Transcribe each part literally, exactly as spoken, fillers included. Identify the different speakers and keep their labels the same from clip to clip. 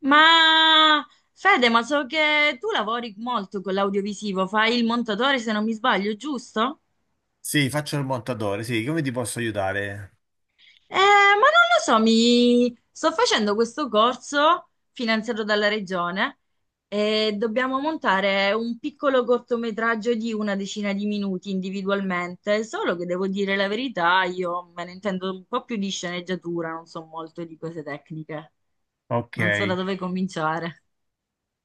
Speaker 1: Ma Fede, ma so che tu lavori molto con l'audiovisivo, fai il montatore se non mi sbaglio, giusto?
Speaker 2: Sì, faccio il montatore, sì, come ti posso aiutare?
Speaker 1: Eh, ma non lo so, mi sto facendo questo corso finanziato dalla regione e dobbiamo montare un piccolo cortometraggio di una decina di minuti individualmente, solo che devo dire la verità, io me ne intendo un po' più di sceneggiatura, non so molto di cose tecniche,
Speaker 2: Ok.
Speaker 1: non so da dove cominciare.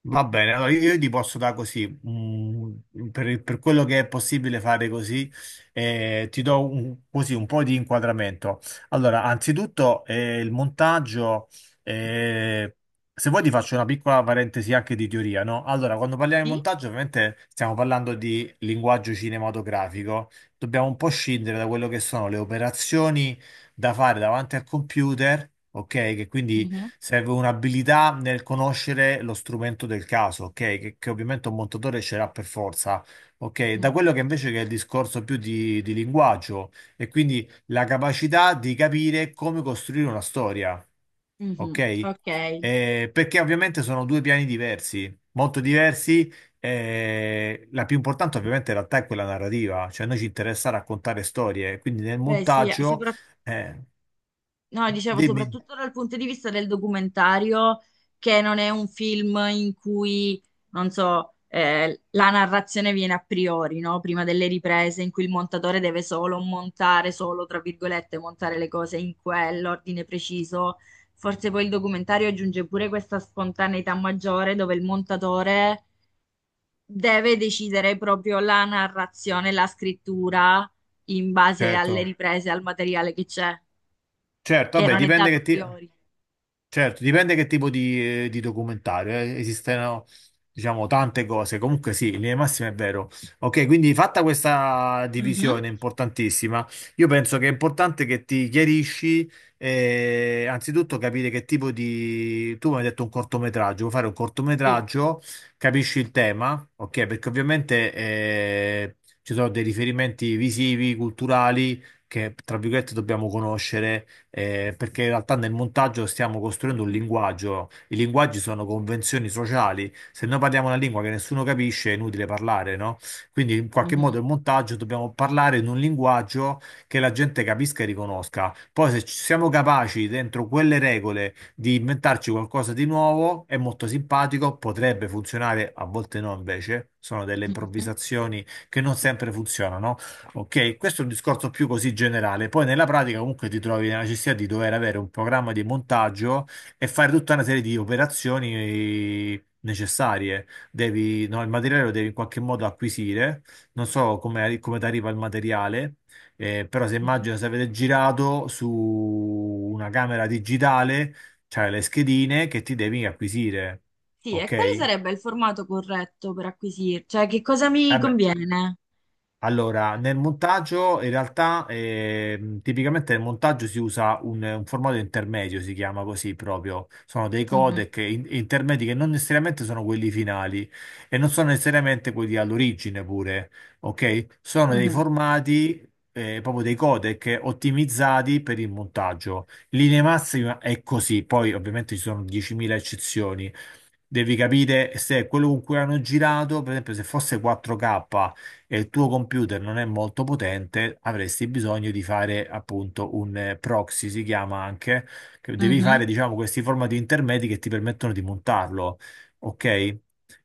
Speaker 2: Va bene, allora io, io ti posso dare così, mm, per, per quello che è possibile fare così, eh, ti do un, così un po' di inquadramento. Allora, anzitutto eh, il montaggio, eh, se vuoi ti faccio una piccola parentesi anche di teoria, no? Allora, quando parliamo di
Speaker 1: Sì?
Speaker 2: montaggio, ovviamente stiamo parlando di linguaggio cinematografico, dobbiamo un po' scindere da quello che sono le operazioni da fare davanti al computer, ok? Che quindi
Speaker 1: Mhm,
Speaker 2: serve un'abilità nel conoscere lo strumento del caso, ok? Che, che ovviamente un montatore ce l'ha per forza, ok? Da
Speaker 1: mhm,
Speaker 2: quello che invece che è il discorso più di, di linguaggio e quindi la capacità di capire come costruire una storia,
Speaker 1: mhm.
Speaker 2: ok?
Speaker 1: Ok.
Speaker 2: Eh, perché ovviamente sono due piani diversi, molto diversi. Eh, la più importante ovviamente in realtà è quella narrativa, cioè a noi ci interessa raccontare storie, quindi nel
Speaker 1: Beh, sì,
Speaker 2: montaggio...
Speaker 1: sopra-
Speaker 2: eh,
Speaker 1: no, dicevo
Speaker 2: Dimmi,
Speaker 1: soprattutto dal punto di vista del documentario, che non è un film in cui, non so, eh, la narrazione viene a priori, no? Prima delle riprese, in cui il montatore deve solo montare, solo, tra virgolette, montare le cose in quell'ordine preciso. Forse poi il documentario aggiunge pure questa spontaneità maggiore dove il montatore deve decidere proprio la narrazione, la scrittura in base alle
Speaker 2: certo.
Speaker 1: riprese, al materiale che c'è.
Speaker 2: Certo,
Speaker 1: Che
Speaker 2: vabbè,
Speaker 1: non è
Speaker 2: dipende
Speaker 1: dato a
Speaker 2: che ti-
Speaker 1: priori.
Speaker 2: certo, dipende che tipo di, eh, di documentario. Eh. Esistono, diciamo, tante cose. Comunque sì, in linea di massima è vero. Ok, quindi fatta questa
Speaker 1: Mhm.
Speaker 2: divisione importantissima, io penso che è importante che ti chiarisci, eh, anzitutto capire che tipo di... Tu mi hai detto un cortometraggio, vuoi fare un
Speaker 1: Sì.
Speaker 2: cortometraggio, capisci il tema, ok? Perché ovviamente eh, ci sono dei riferimenti visivi, culturali, che, tra virgolette, dobbiamo conoscere eh, perché in realtà nel montaggio stiamo costruendo un
Speaker 1: Mhm.
Speaker 2: linguaggio, i linguaggi sono convenzioni sociali, se noi parliamo una lingua che nessuno capisce è inutile parlare, no? Quindi in qualche
Speaker 1: Mhm.
Speaker 2: modo il montaggio dobbiamo parlare in un linguaggio che la gente capisca e riconosca. Poi se ci siamo capaci dentro quelle regole di inventarci qualcosa di nuovo, è molto simpatico, potrebbe funzionare, a volte no invece, sono delle
Speaker 1: Mhm.
Speaker 2: improvvisazioni che non sempre funzionano. Ok, questo è un discorso più così generale. Poi nella pratica comunque ti trovi nella necessità di dover avere un programma di montaggio e fare tutta una serie di operazioni necessarie. Devi, no, il materiale lo devi in qualche modo acquisire. Non so come, come ti arriva il materiale, eh, però se
Speaker 1: Mhm.
Speaker 2: immagino se avete girato su una camera digitale, c'hai le schedine che ti devi acquisire.
Speaker 1: Sì,
Speaker 2: Ok?
Speaker 1: e quale
Speaker 2: Eh
Speaker 1: sarebbe il formato corretto per acquisire? Cioè, che cosa mi
Speaker 2: beh,
Speaker 1: conviene?
Speaker 2: Allora, nel montaggio in realtà ehm, tipicamente nel montaggio si usa un, un formato intermedio, si chiama così proprio. Sono dei
Speaker 1: Mhm.
Speaker 2: codec in- intermedi che non necessariamente sono quelli finali e non sono necessariamente quelli all'origine pure, ok? Sono dei
Speaker 1: Mhm.
Speaker 2: formati, eh, proprio dei codec ottimizzati per il montaggio. In linea massima è così, poi ovviamente ci sono diecimila eccezioni. Devi capire se quello con cui hanno girato, per esempio, se fosse quattro K e il tuo computer non è molto potente, avresti bisogno di fare appunto un eh, proxy, si chiama anche, che devi
Speaker 1: Mhm.
Speaker 2: fare diciamo questi formati intermedi che ti permettono di montarlo, ok?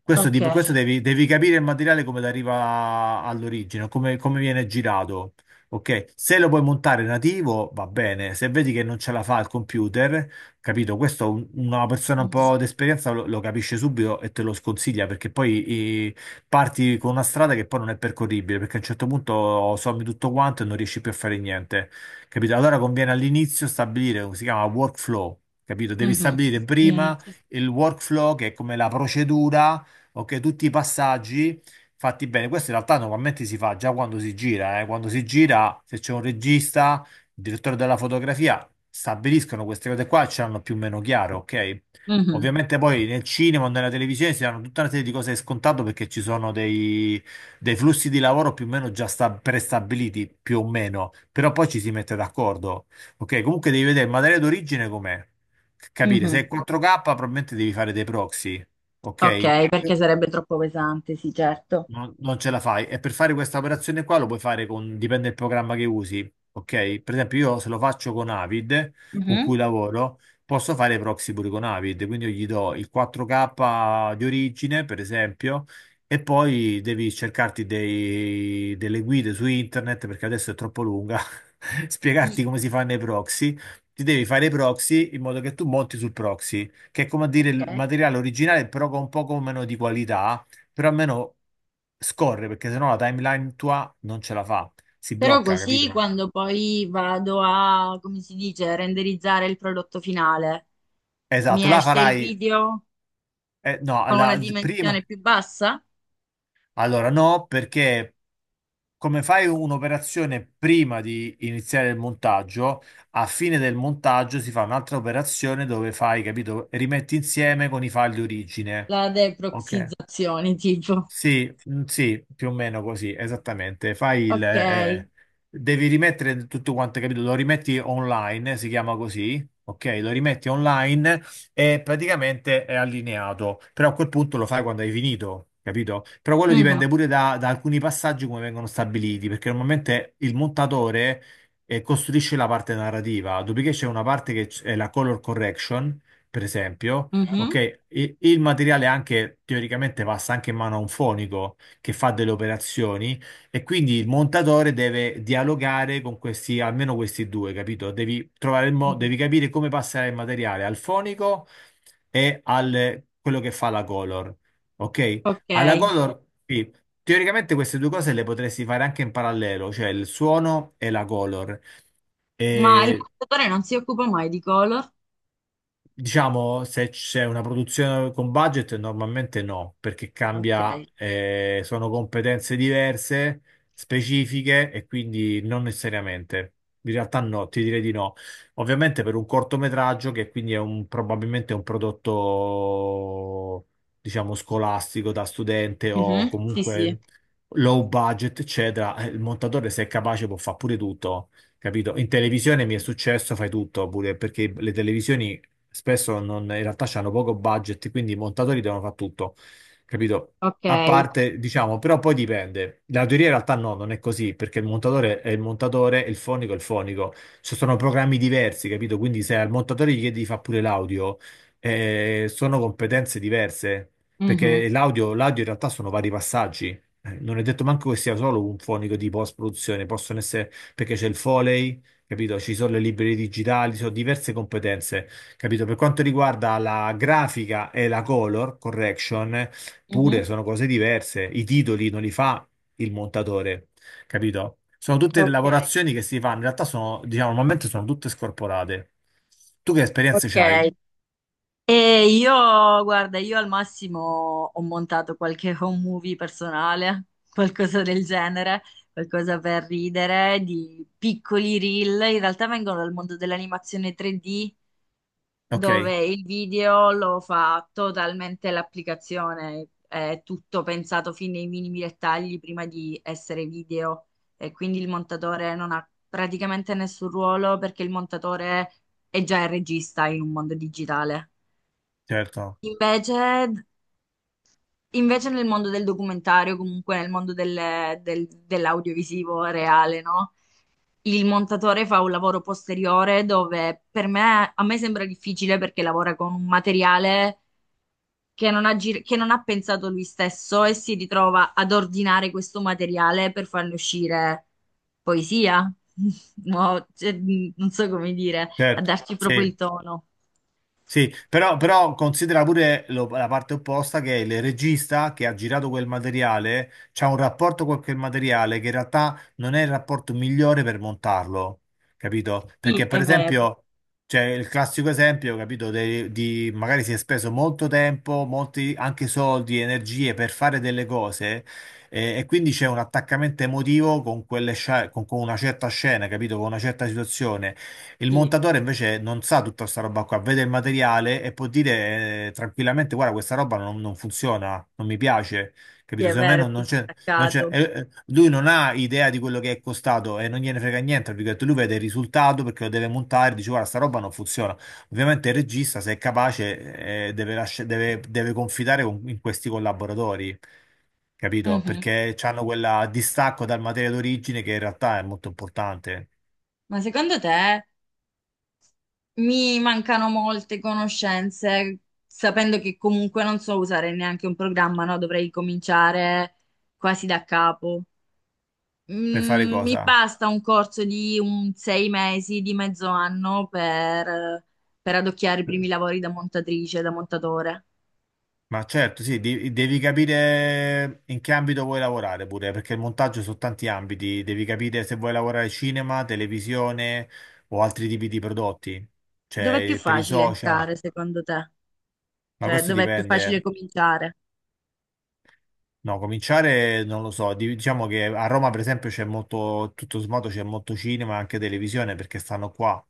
Speaker 2: Questo,
Speaker 1: Ok.
Speaker 2: di- questo devi, devi capire il materiale come arriva all'origine, come, come viene girato. Ok, se lo puoi montare nativo va bene, se vedi che non ce la fa il computer, capito? Questo un- una persona un
Speaker 1: Mhm.
Speaker 2: po' d'esperienza lo, lo capisce subito e te lo sconsiglia perché poi parti con una strada che poi non è percorribile, perché a un certo punto sommi tutto quanto e non riesci più a fare niente, capito? Allora conviene all'inizio stabilire, si chiama workflow, capito? Devi
Speaker 1: Mhm.
Speaker 2: stabilire
Speaker 1: Mhm.
Speaker 2: prima il workflow, che è come la procedura, ok? Tutti i passaggi fatti bene. Questo in realtà normalmente si fa già quando si gira, eh. Quando si gira, se c'è un regista, il direttore della fotografia, stabiliscono queste cose qua e ce l'hanno più o meno chiaro, ok?
Speaker 1: Mhm.
Speaker 2: Ovviamente poi nel cinema o nella televisione si hanno tutta una serie di cose scontato perché ci sono dei, dei flussi di lavoro più o meno già sta- prestabiliti, più o meno, però poi ci si mette d'accordo. Ok, comunque devi vedere il materiale d'origine com'è, capire
Speaker 1: Mhm.
Speaker 2: se è quattro K probabilmente devi fare dei proxy, ok?
Speaker 1: Ok, perché sarebbe troppo pesante, sì, certo.
Speaker 2: Non, non ce la fai. E per fare questa operazione qua lo puoi fare con, dipende dal programma che usi, ok? Per esempio io se lo faccio con Avid, con cui
Speaker 1: Mhm.
Speaker 2: lavoro, posso fare i proxy pure con Avid, quindi io gli do il quattro K di origine, per esempio, e poi devi cercarti dei- delle guide su internet, perché adesso è troppo lunga, spiegarti come si fanno i proxy. Ti devi fare i proxy in modo che tu monti sul proxy, che è come a dire il
Speaker 1: Ok.
Speaker 2: materiale originale, però con un poco meno di qualità, però almeno scorre perché sennò la timeline tua non ce la fa, si
Speaker 1: Però
Speaker 2: blocca,
Speaker 1: così
Speaker 2: capito?
Speaker 1: quando poi vado a, come si dice, renderizzare il prodotto finale, mi
Speaker 2: Esatto, la
Speaker 1: esce il
Speaker 2: farai,
Speaker 1: video
Speaker 2: eh, no,
Speaker 1: con una
Speaker 2: alla, prima,
Speaker 1: dimensione più bassa?
Speaker 2: allora no, perché come fai un'operazione prima di iniziare il montaggio, a fine del montaggio si fa un'altra operazione dove fai, capito? Rimetti insieme con i file di origine,
Speaker 1: La
Speaker 2: ok?
Speaker 1: deproxizzazione, tipo.
Speaker 2: Sì, mm, sì, più o meno così, esattamente. Fai il,
Speaker 1: Ok.
Speaker 2: eh, eh, devi rimettere tutto quanto, capito? Lo rimetti online, si chiama così, ok? Lo rimetti online e praticamente è allineato, però a quel punto lo fai quando hai finito, capito? Però quello dipende
Speaker 1: Mhm,
Speaker 2: pure da, da alcuni passaggi come vengono stabiliti, perché normalmente il montatore, eh, costruisce la parte narrativa, dopodiché c'è una parte che c- è la color correction, per esempio.
Speaker 1: mhm,
Speaker 2: Ok, I- il materiale anche teoricamente passa anche in mano a un fonico che fa delle operazioni e quindi il montatore deve dialogare con questi, almeno questi due, capito? Devi trovare il modo,
Speaker 1: mhm.
Speaker 2: devi capire come passare il materiale al fonico e al quello che fa la color. Ok? Alla
Speaker 1: Ok.
Speaker 2: color, sì, teoricamente queste due cose le potresti fare anche in parallelo, cioè il suono e la color.
Speaker 1: Ma il montatore non si occupa mai di color?
Speaker 2: Diciamo, se c'è una produzione con budget, normalmente no, perché
Speaker 1: Ok.
Speaker 2: cambia, eh, sono competenze diverse, specifiche e quindi non necessariamente. In realtà no, ti direi di no. Ovviamente per un cortometraggio, che quindi è un, probabilmente un prodotto, diciamo, scolastico da studente o
Speaker 1: Mhm, sì, sì.
Speaker 2: comunque low budget, eccetera, eh, il montatore se è capace può fare pure tutto. Capito? In televisione mi è successo, fai tutto pure perché le televisioni spesso non- in realtà hanno poco budget, quindi i montatori devono fare tutto, capito?
Speaker 1: Ok.
Speaker 2: A parte, diciamo, però poi dipende. La teoria in realtà no, non è così, perché il montatore è il montatore e il fonico è il fonico. Ci sono programmi diversi, capito? Quindi se al montatore gli chiedi di fare pure l'audio, eh, sono competenze diverse,
Speaker 1: Mhm,
Speaker 2: perché l'audio l'audio in realtà sono vari passaggi. Eh, Non è detto manco che sia solo un fonico di post-produzione, possono essere perché c'è il Foley, capito? Ci sono le librerie digitali, ci sono diverse competenze. Capito? Per quanto riguarda la grafica e la color correction, pure
Speaker 1: mhm.
Speaker 2: sono cose diverse. I titoli non li fa il montatore, capito? Sono tutte
Speaker 1: Ok.
Speaker 2: lavorazioni che si fanno, in realtà sono, diciamo, normalmente sono tutte scorporate. Tu che esperienze
Speaker 1: Ok.
Speaker 2: c'hai?
Speaker 1: E io, guarda, io al massimo ho montato qualche home movie personale, qualcosa del genere, qualcosa per ridere, di piccoli reel. In realtà vengono dal mondo dell'animazione tre D,
Speaker 2: Ok,
Speaker 1: dove il video lo fa totalmente l'applicazione, è tutto pensato fin nei minimi dettagli prima di essere video. E quindi il montatore non ha praticamente nessun ruolo perché il montatore è già il regista in un mondo digitale.
Speaker 2: certo,
Speaker 1: Invece, invece nel mondo del documentario, comunque nel mondo del- del- dell'audiovisivo reale, no? Il montatore fa un lavoro posteriore dove per me, a me sembra difficile perché lavora con un materiale che non ha, gir- che non ha pensato lui stesso e si ritrova ad ordinare questo materiale per farne uscire poesia. No, cioè, non so come dire, a
Speaker 2: certo,
Speaker 1: darci proprio il
Speaker 2: sì.
Speaker 1: tono.
Speaker 2: Sì, però, però considera pure lo- la parte opposta che il regista che ha girato quel materiale c'ha un rapporto con quel materiale che in realtà non è il rapporto migliore per montarlo, capito?
Speaker 1: Sì,
Speaker 2: Perché per
Speaker 1: è vero,
Speaker 2: esempio, c'è il classico esempio, capito, de- di magari si è speso molto tempo, molti anche soldi, energie per fare delle cose, eh, e quindi c'è un attaccamento emotivo con quelle scia- con con una certa scena, capito, con una certa situazione. Il
Speaker 1: sì,
Speaker 2: montatore invece non sa tutta questa roba qua, vede il materiale e può dire eh, tranquillamente: Guarda, questa roba non, non funziona, non mi piace.
Speaker 1: sì,
Speaker 2: Capito?
Speaker 1: è
Speaker 2: Secondo me
Speaker 1: vero, è
Speaker 2: non,
Speaker 1: più
Speaker 2: non c'è. Non c'è-
Speaker 1: distaccato.
Speaker 2: eh, eh, lui non ha idea di quello che è costato e non gliene frega niente. Tra virgolette. Lui vede il risultato perché lo deve montare. Dice: Guarda, sta roba non funziona. Ovviamente il regista, se è capace, eh, deve, lascia- deve- deve confidare con- in questi collaboratori. Capito?
Speaker 1: Mhm.
Speaker 2: Perché hanno quel distacco dal materiale d'origine che in realtà è molto importante.
Speaker 1: Ma secondo te mi mancano molte conoscenze, sapendo che comunque non so usare neanche un programma, no? Dovrei cominciare quasi da capo.
Speaker 2: Per fare
Speaker 1: Mm, mi
Speaker 2: cosa?
Speaker 1: basta un corso di un sei mesi, di mezzo anno per, per adocchiare i primi lavori da montatrice, da montatore.
Speaker 2: Ma certo, sì, di- devi capire in che ambito vuoi lavorare pure, perché il montaggio su tanti ambiti, devi capire se vuoi lavorare cinema, televisione o altri tipi di prodotti,
Speaker 1: Dov'è più
Speaker 2: cioè per i
Speaker 1: facile
Speaker 2: social,
Speaker 1: entrare, secondo te?
Speaker 2: ma
Speaker 1: Cioè,
Speaker 2: questo
Speaker 1: dov'è più facile
Speaker 2: dipende.
Speaker 1: cominciare?
Speaker 2: No, cominciare non lo so, di- diciamo che a Roma per esempio c'è molto, tutto sommato c'è molto cinema, anche televisione perché stanno qua.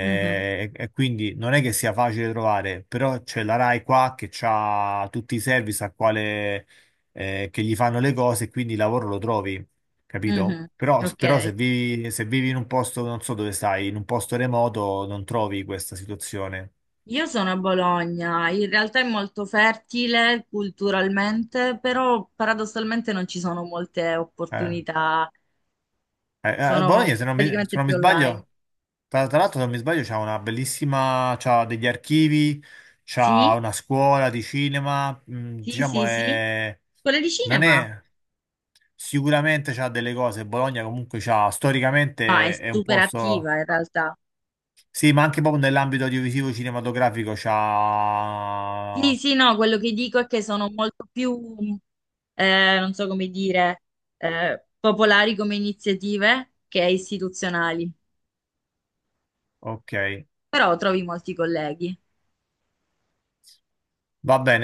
Speaker 1: Mhm.
Speaker 2: e, e quindi non è che sia facile trovare, però c'è la Rai qua che ha tutti i service a quale, eh, che gli fanno le cose e quindi il lavoro lo trovi, capito?
Speaker 1: Mhm.
Speaker 2: Però,
Speaker 1: Ok.
Speaker 2: però se vivi, se vivi in un posto, non so dove stai, in un posto remoto non trovi questa situazione.
Speaker 1: Io sono a Bologna, in realtà è molto fertile culturalmente, però paradossalmente non ci sono molte
Speaker 2: Eh,
Speaker 1: opportunità,
Speaker 2: eh, eh,
Speaker 1: sono
Speaker 2: Bologna, se non mi, se
Speaker 1: praticamente
Speaker 2: non mi
Speaker 1: più online.
Speaker 2: sbaglio... Tra tra l'altro, se non mi sbaglio, c'ha una bellissima, c'ha degli archivi, c'ha
Speaker 1: Sì,
Speaker 2: una scuola di cinema, mm,
Speaker 1: sì,
Speaker 2: diciamo
Speaker 1: sì, sì.
Speaker 2: è,
Speaker 1: Quella di
Speaker 2: non
Speaker 1: cinema?
Speaker 2: è, sicuramente c'ha delle cose, Bologna comunque c'ha,
Speaker 1: Ma è
Speaker 2: storicamente è un
Speaker 1: super
Speaker 2: posto,
Speaker 1: attiva in realtà.
Speaker 2: sì, ma anche proprio nell'ambito audiovisivo cinematografico c'ha,
Speaker 1: Sì, sì, no, quello che dico è che sono molto più, eh, non so come dire, eh, popolari come iniziative che istituzionali,
Speaker 2: ok,
Speaker 1: però trovi molti colleghi.
Speaker 2: va bene.